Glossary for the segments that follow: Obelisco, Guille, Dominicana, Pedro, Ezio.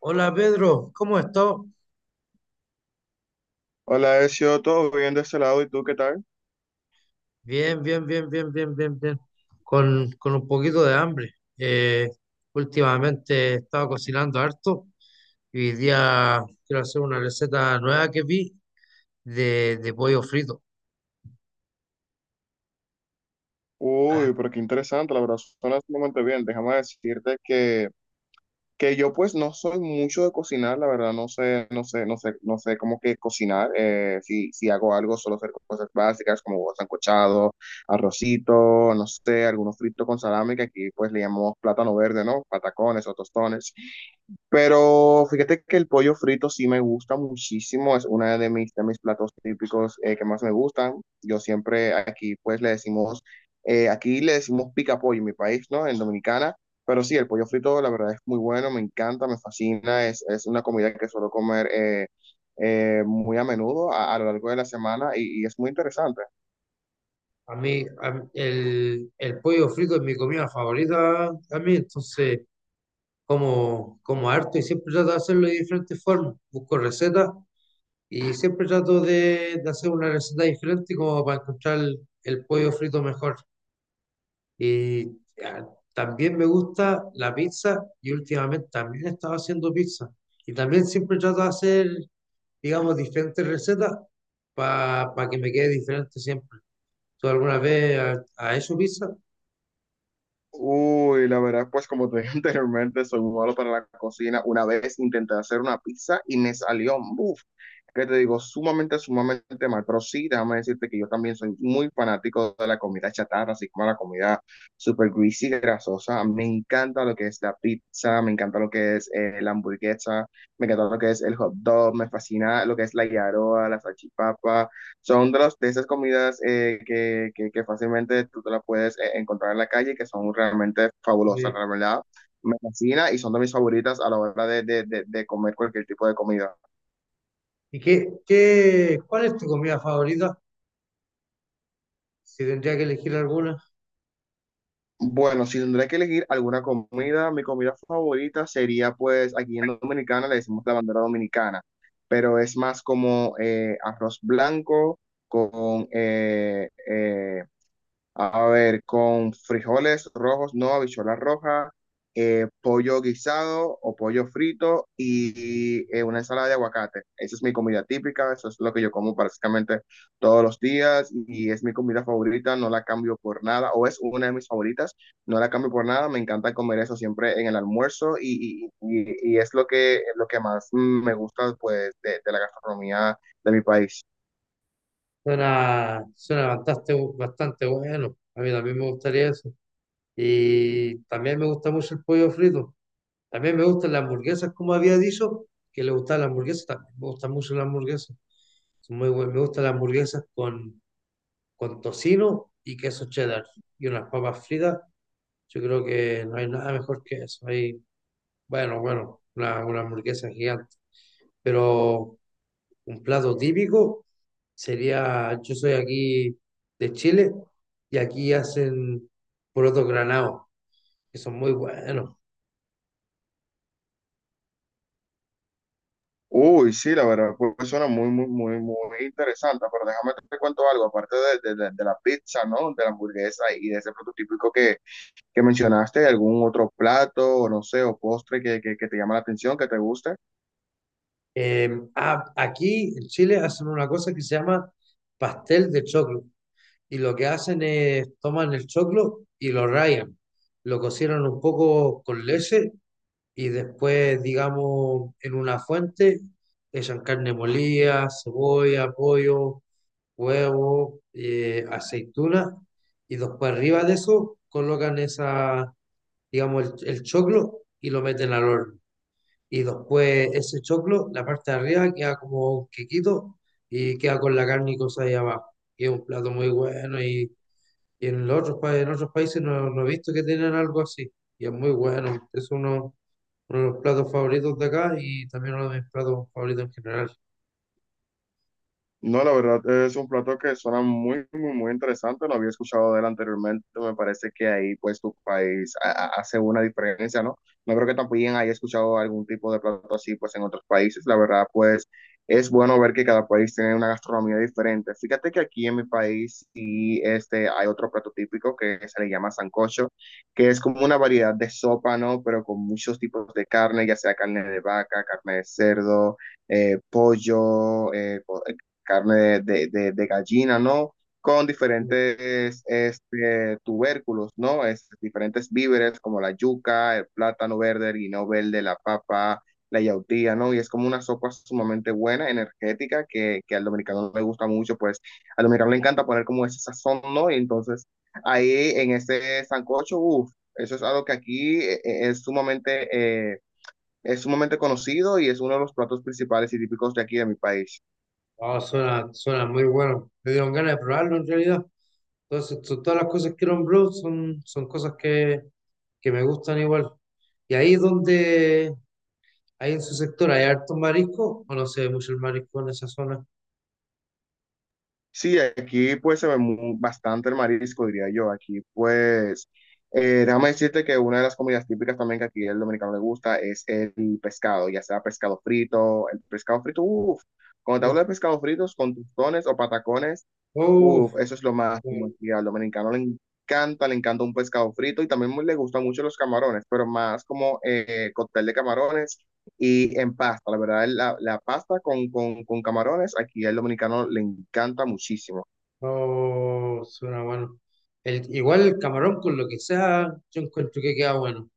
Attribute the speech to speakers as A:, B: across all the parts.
A: Hola Pedro, ¿cómo estás?
B: Hola, Ezio, todo bien de ese lado, ¿y tú qué tal?
A: Bien, bien, bien, bien, bien, bien, bien. Con un poquito de hambre. Últimamente he estado cocinando harto y hoy día quiero hacer una receta nueva que vi de pollo frito. A,
B: Uy, pero qué interesante, la verdad, suena sumamente bien. Déjame decirte que yo pues no soy mucho de cocinar, la verdad, no sé cómo que cocinar. Si hago algo, solo hacer cosas básicas como huevos arrocito, no sé, algunos fritos con salami, que aquí pues le llamamos plátano verde, ¿no? Patacones o tostones. Pero fíjate que el pollo frito sí me gusta muchísimo, es una de mis platos típicos que más me gustan. Yo siempre aquí pues le decimos, aquí le decimos pica pollo en mi país, ¿no? En Dominicana. Pero sí, el pollo frito la verdad es muy bueno, me encanta, me fascina, es una comida que suelo comer muy a menudo a lo largo de la semana y es muy interesante.
A: el pollo frito es mi comida favorita a mí, entonces como harto y siempre trato de hacerlo de diferentes formas. Busco recetas y siempre trato de hacer una receta diferente como para encontrar el pollo frito mejor. Y ah, también me gusta la pizza y últimamente también he estado haciendo pizza. Y también siempre trato de hacer, digamos, diferentes recetas para que me quede diferente siempre. ¿Tú alguna vez has hecho pizza?
B: Uy, la verdad, pues como te dije anteriormente, soy muy malo para la cocina. Una vez intenté hacer una pizza y me salió, uff, que te digo, sumamente, sumamente mal. Pero sí, déjame decirte que yo también soy muy fanático de la comida chatarra, así como la comida super greasy, grasosa. Me encanta lo que es la pizza, me encanta lo que es la hamburguesa, me encanta lo que es el hot dog, me fascina lo que es la yaroa, la salchipapa. Los de esas comidas que fácilmente tú te las puedes encontrar en la calle y que son realmente fabulosas,
A: Eh,
B: la verdad. Me fascina y son de mis favoritas a la hora de comer cualquier tipo de comida.
A: ¿Y cuál es tu comida favorita? Si tendría que elegir alguna.
B: Bueno, si tendré que elegir alguna comida, mi comida favorita sería pues aquí en Dominicana le decimos la bandera dominicana, pero es más como arroz blanco con a ver, con frijoles rojos, no, habichuela roja, pollo guisado o pollo frito y una ensalada de aguacate. Esa es mi comida típica, eso es lo que yo como prácticamente todos los días y es mi comida favorita, no la cambio por nada, o es una de mis favoritas, no la cambio por nada, me encanta comer eso siempre en el almuerzo y es lo que más me gusta pues, de la gastronomía de mi país.
A: Suena, suena bastante, bastante bueno. A mí también me gustaría eso. Y también me gusta mucho el pollo frito. También me gustan las hamburguesas, como había dicho, que le gustan las hamburguesas. También me gustan mucho las hamburguesas. Son muy buenas. Me gustan las hamburguesas con tocino y queso cheddar. Y unas papas fritas. Yo creo que no hay nada mejor que eso. Hay, bueno, bueno, una hamburguesa gigante. Pero un plato típico sería, yo soy aquí de Chile y aquí hacen porotos granados, que son muy buenos.
B: Uy, sí, la verdad, pues suena muy, muy, muy, muy interesante, pero déjame te cuento algo, aparte de la pizza, ¿no? De la hamburguesa y de ese plato típico que mencionaste, ¿algún otro plato, o no sé, o postre que te llama la atención, que te guste?
A: Aquí en Chile hacen una cosa que se llama pastel de choclo. Y lo que hacen es toman el choclo y lo rayan. Lo cocinan un poco con leche y después, digamos, en una fuente echan carne molida, cebolla, pollo, huevo, aceituna. Y después arriba de eso colocan esa, digamos, el choclo y lo meten al horno y después ese choclo, la parte de arriba queda como un quequito y queda con la carne y cosas ahí abajo. Y es un plato muy bueno y en los otros, en otros países no, no he visto que tienen algo así. Y es muy bueno, es uno de los platos favoritos de acá y también uno de mis platos favoritos en general.
B: No, la verdad es un plato que suena muy, muy, muy interesante. Lo había escuchado de él anteriormente. Me parece que ahí, pues, tu país hace una diferencia, ¿no? No creo que también haya escuchado algún tipo de plato así, pues, en otros países. La verdad, pues, es bueno ver que cada país tiene una gastronomía diferente. Fíjate que aquí en mi país sí, este, hay otro plato típico que se le llama sancocho, que es como una variedad de sopa, ¿no? Pero con muchos tipos de carne, ya sea carne de vaca, carne de cerdo pollo, carne de gallina, ¿no? Con diferentes este, tubérculos, ¿no? Diferentes víveres como la yuca, el plátano verde, el guineo verde, la papa, la yautía, ¿no? Y es como una sopa sumamente buena, energética, que al dominicano le gusta mucho, pues al dominicano le encanta poner como ese sazón, ¿no? Y entonces ahí en ese sancocho, uff, eso es algo que aquí eh, es sumamente conocido y es uno de los platos principales y típicos de aquí de mi país.
A: Ah, suena, suena muy bueno. Me dieron ganas de probarlo en realidad. Entonces, todas las cosas que nombró son, son cosas que me gustan igual. Y ahí es donde, ahí en su sector hay harto marisco, o no se ve mucho el marisco en esa zona.
B: Sí, aquí pues se ve bastante el marisco, diría yo. Aquí pues, déjame decirte que una de las comidas típicas también que aquí el dominicano le gusta es el pescado, ya sea pescado frito, el pescado frito, uff, cuando te
A: Uf,
B: hablo de pescado fritos con tostones o patacones,
A: uf,
B: uff, eso es lo más, como aquí al dominicano le encanta un pescado frito y también le gustan mucho los camarones, pero más como cóctel de camarones y en pasta, la verdad, la pasta con camarones, aquí al dominicano le encanta muchísimo.
A: oh, suena bueno. El, igual el camarón con lo que sea, yo encuentro que queda bueno.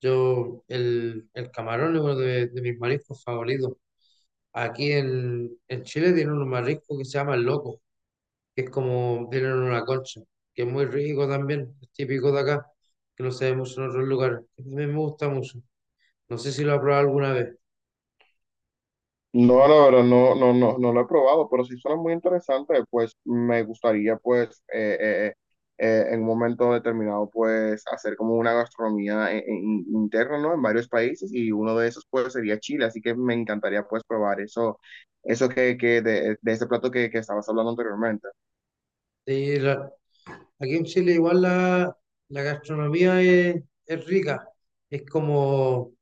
A: Yo, el camarón es uno de mis mariscos favoritos. Aquí en Chile tienen un marisco que se llama el loco, que es como, tienen una concha, que es muy rico también, es típico de acá, que no se ve mucho en otros lugares, que también me gusta mucho. No sé si lo has probado alguna vez.
B: No, la verdad, no, no, no, no lo he probado, pero sí suena muy interesante, pues me gustaría, pues, en un momento determinado, pues, hacer como una gastronomía interna, ¿no? En varios países y uno de esos, pues, sería Chile, así que me encantaría, pues, probar eso, que de ese plato que estabas hablando anteriormente.
A: Sí, aquí en Chile igual la gastronomía es rica, es como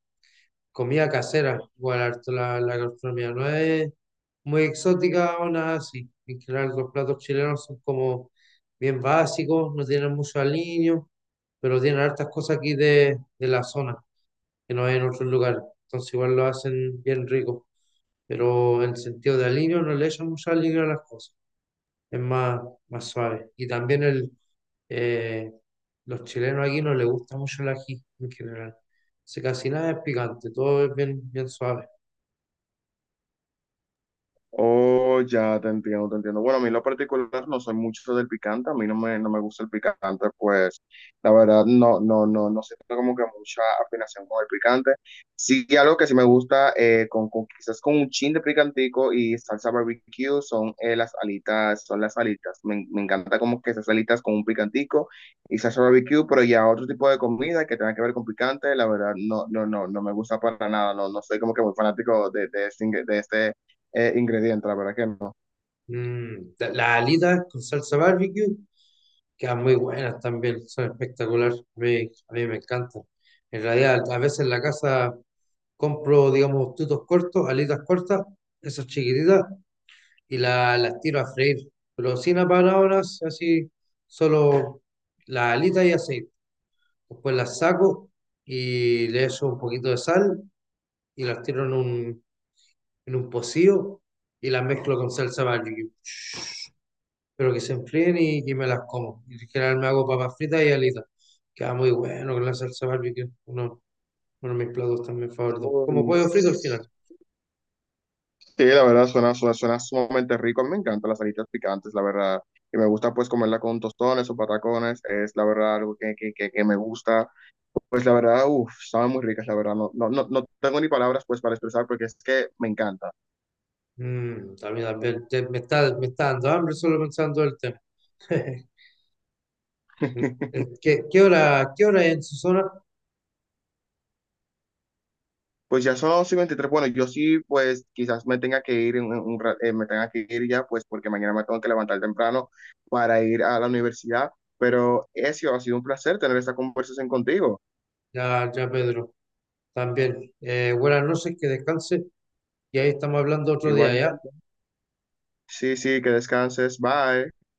A: comida casera, igual harto la gastronomía, no es muy exótica o nada así. En general los platos chilenos son como bien básicos, no tienen mucho aliño, pero tienen hartas cosas aquí de la zona, que no hay en otros lugares. Entonces igual lo hacen bien rico, pero en sentido de aliño no le echan mucho aliño a las cosas, es más, más suave. Y también el eh, los chilenos aquí no les gusta mucho el ají en general. Se casi nada es picante, todo es bien, bien suave.
B: Oh, ya te entiendo, te entiendo. Bueno, a mí en lo particular no soy mucho del picante, a mí no me gusta el picante, pues la verdad no, no, no, no siento como que mucha afinación con el picante. Sí, algo que sí me gusta, quizás con un chin de picantico y salsa barbecue, son las alitas, son las alitas. Me encanta como que esas alitas con un picantico y salsa barbecue, pero ya otro tipo de comida que tenga que ver con picante, la verdad no, no, no, no me gusta para nada, no, no soy como que muy fanático de este ingredientes, la verdad que no.
A: Mm, las alitas con salsa barbecue quedan muy buenas también, son espectaculares. A mí me encantan. En realidad, a veces en la casa compro, digamos, tutos cortos, alitas cortas, esas chiquititas, y las tiro a freír. Pero sin apanadoras, así, solo las alitas y aceite. Después las saco y le echo un poquito de sal y las tiro en en un pocillo y las mezclo con salsa barbecue. Pero que se enfríen y que me las como. Y en general me hago papas fritas y alitas. Queda muy bueno con la salsa barbecue. Uno de mis platos también favoritos. Como
B: Uy,
A: pollo frito al
B: sí,
A: final.
B: la verdad suena sumamente rico. A mí me encantan las alitas picantes, la verdad. Y me gusta pues comerla con tostones o patacones. Es la verdad algo que me gusta. Pues la verdad, uff, saben muy ricas, la verdad. No, no, no, no tengo ni palabras pues para expresar porque es que me encanta.
A: Mm, también, también. Me está dando hambre solo pensando el tema. ¿Qué, qué hora es en su zona?
B: Pues ya son las 11:23. Bueno, yo sí pues quizás me tenga que ir, en un ra- me tenga que ir ya pues porque mañana me tengo que levantar temprano para ir a la universidad. Pero eso ha sido un placer tener esta conversación contigo.
A: Ya, ya, Pedro. También. Buenas noches, que descanse. Y ahí estamos hablando otro día, ¿ya?
B: Igualmente. Sí, sí, que descanses. Bye.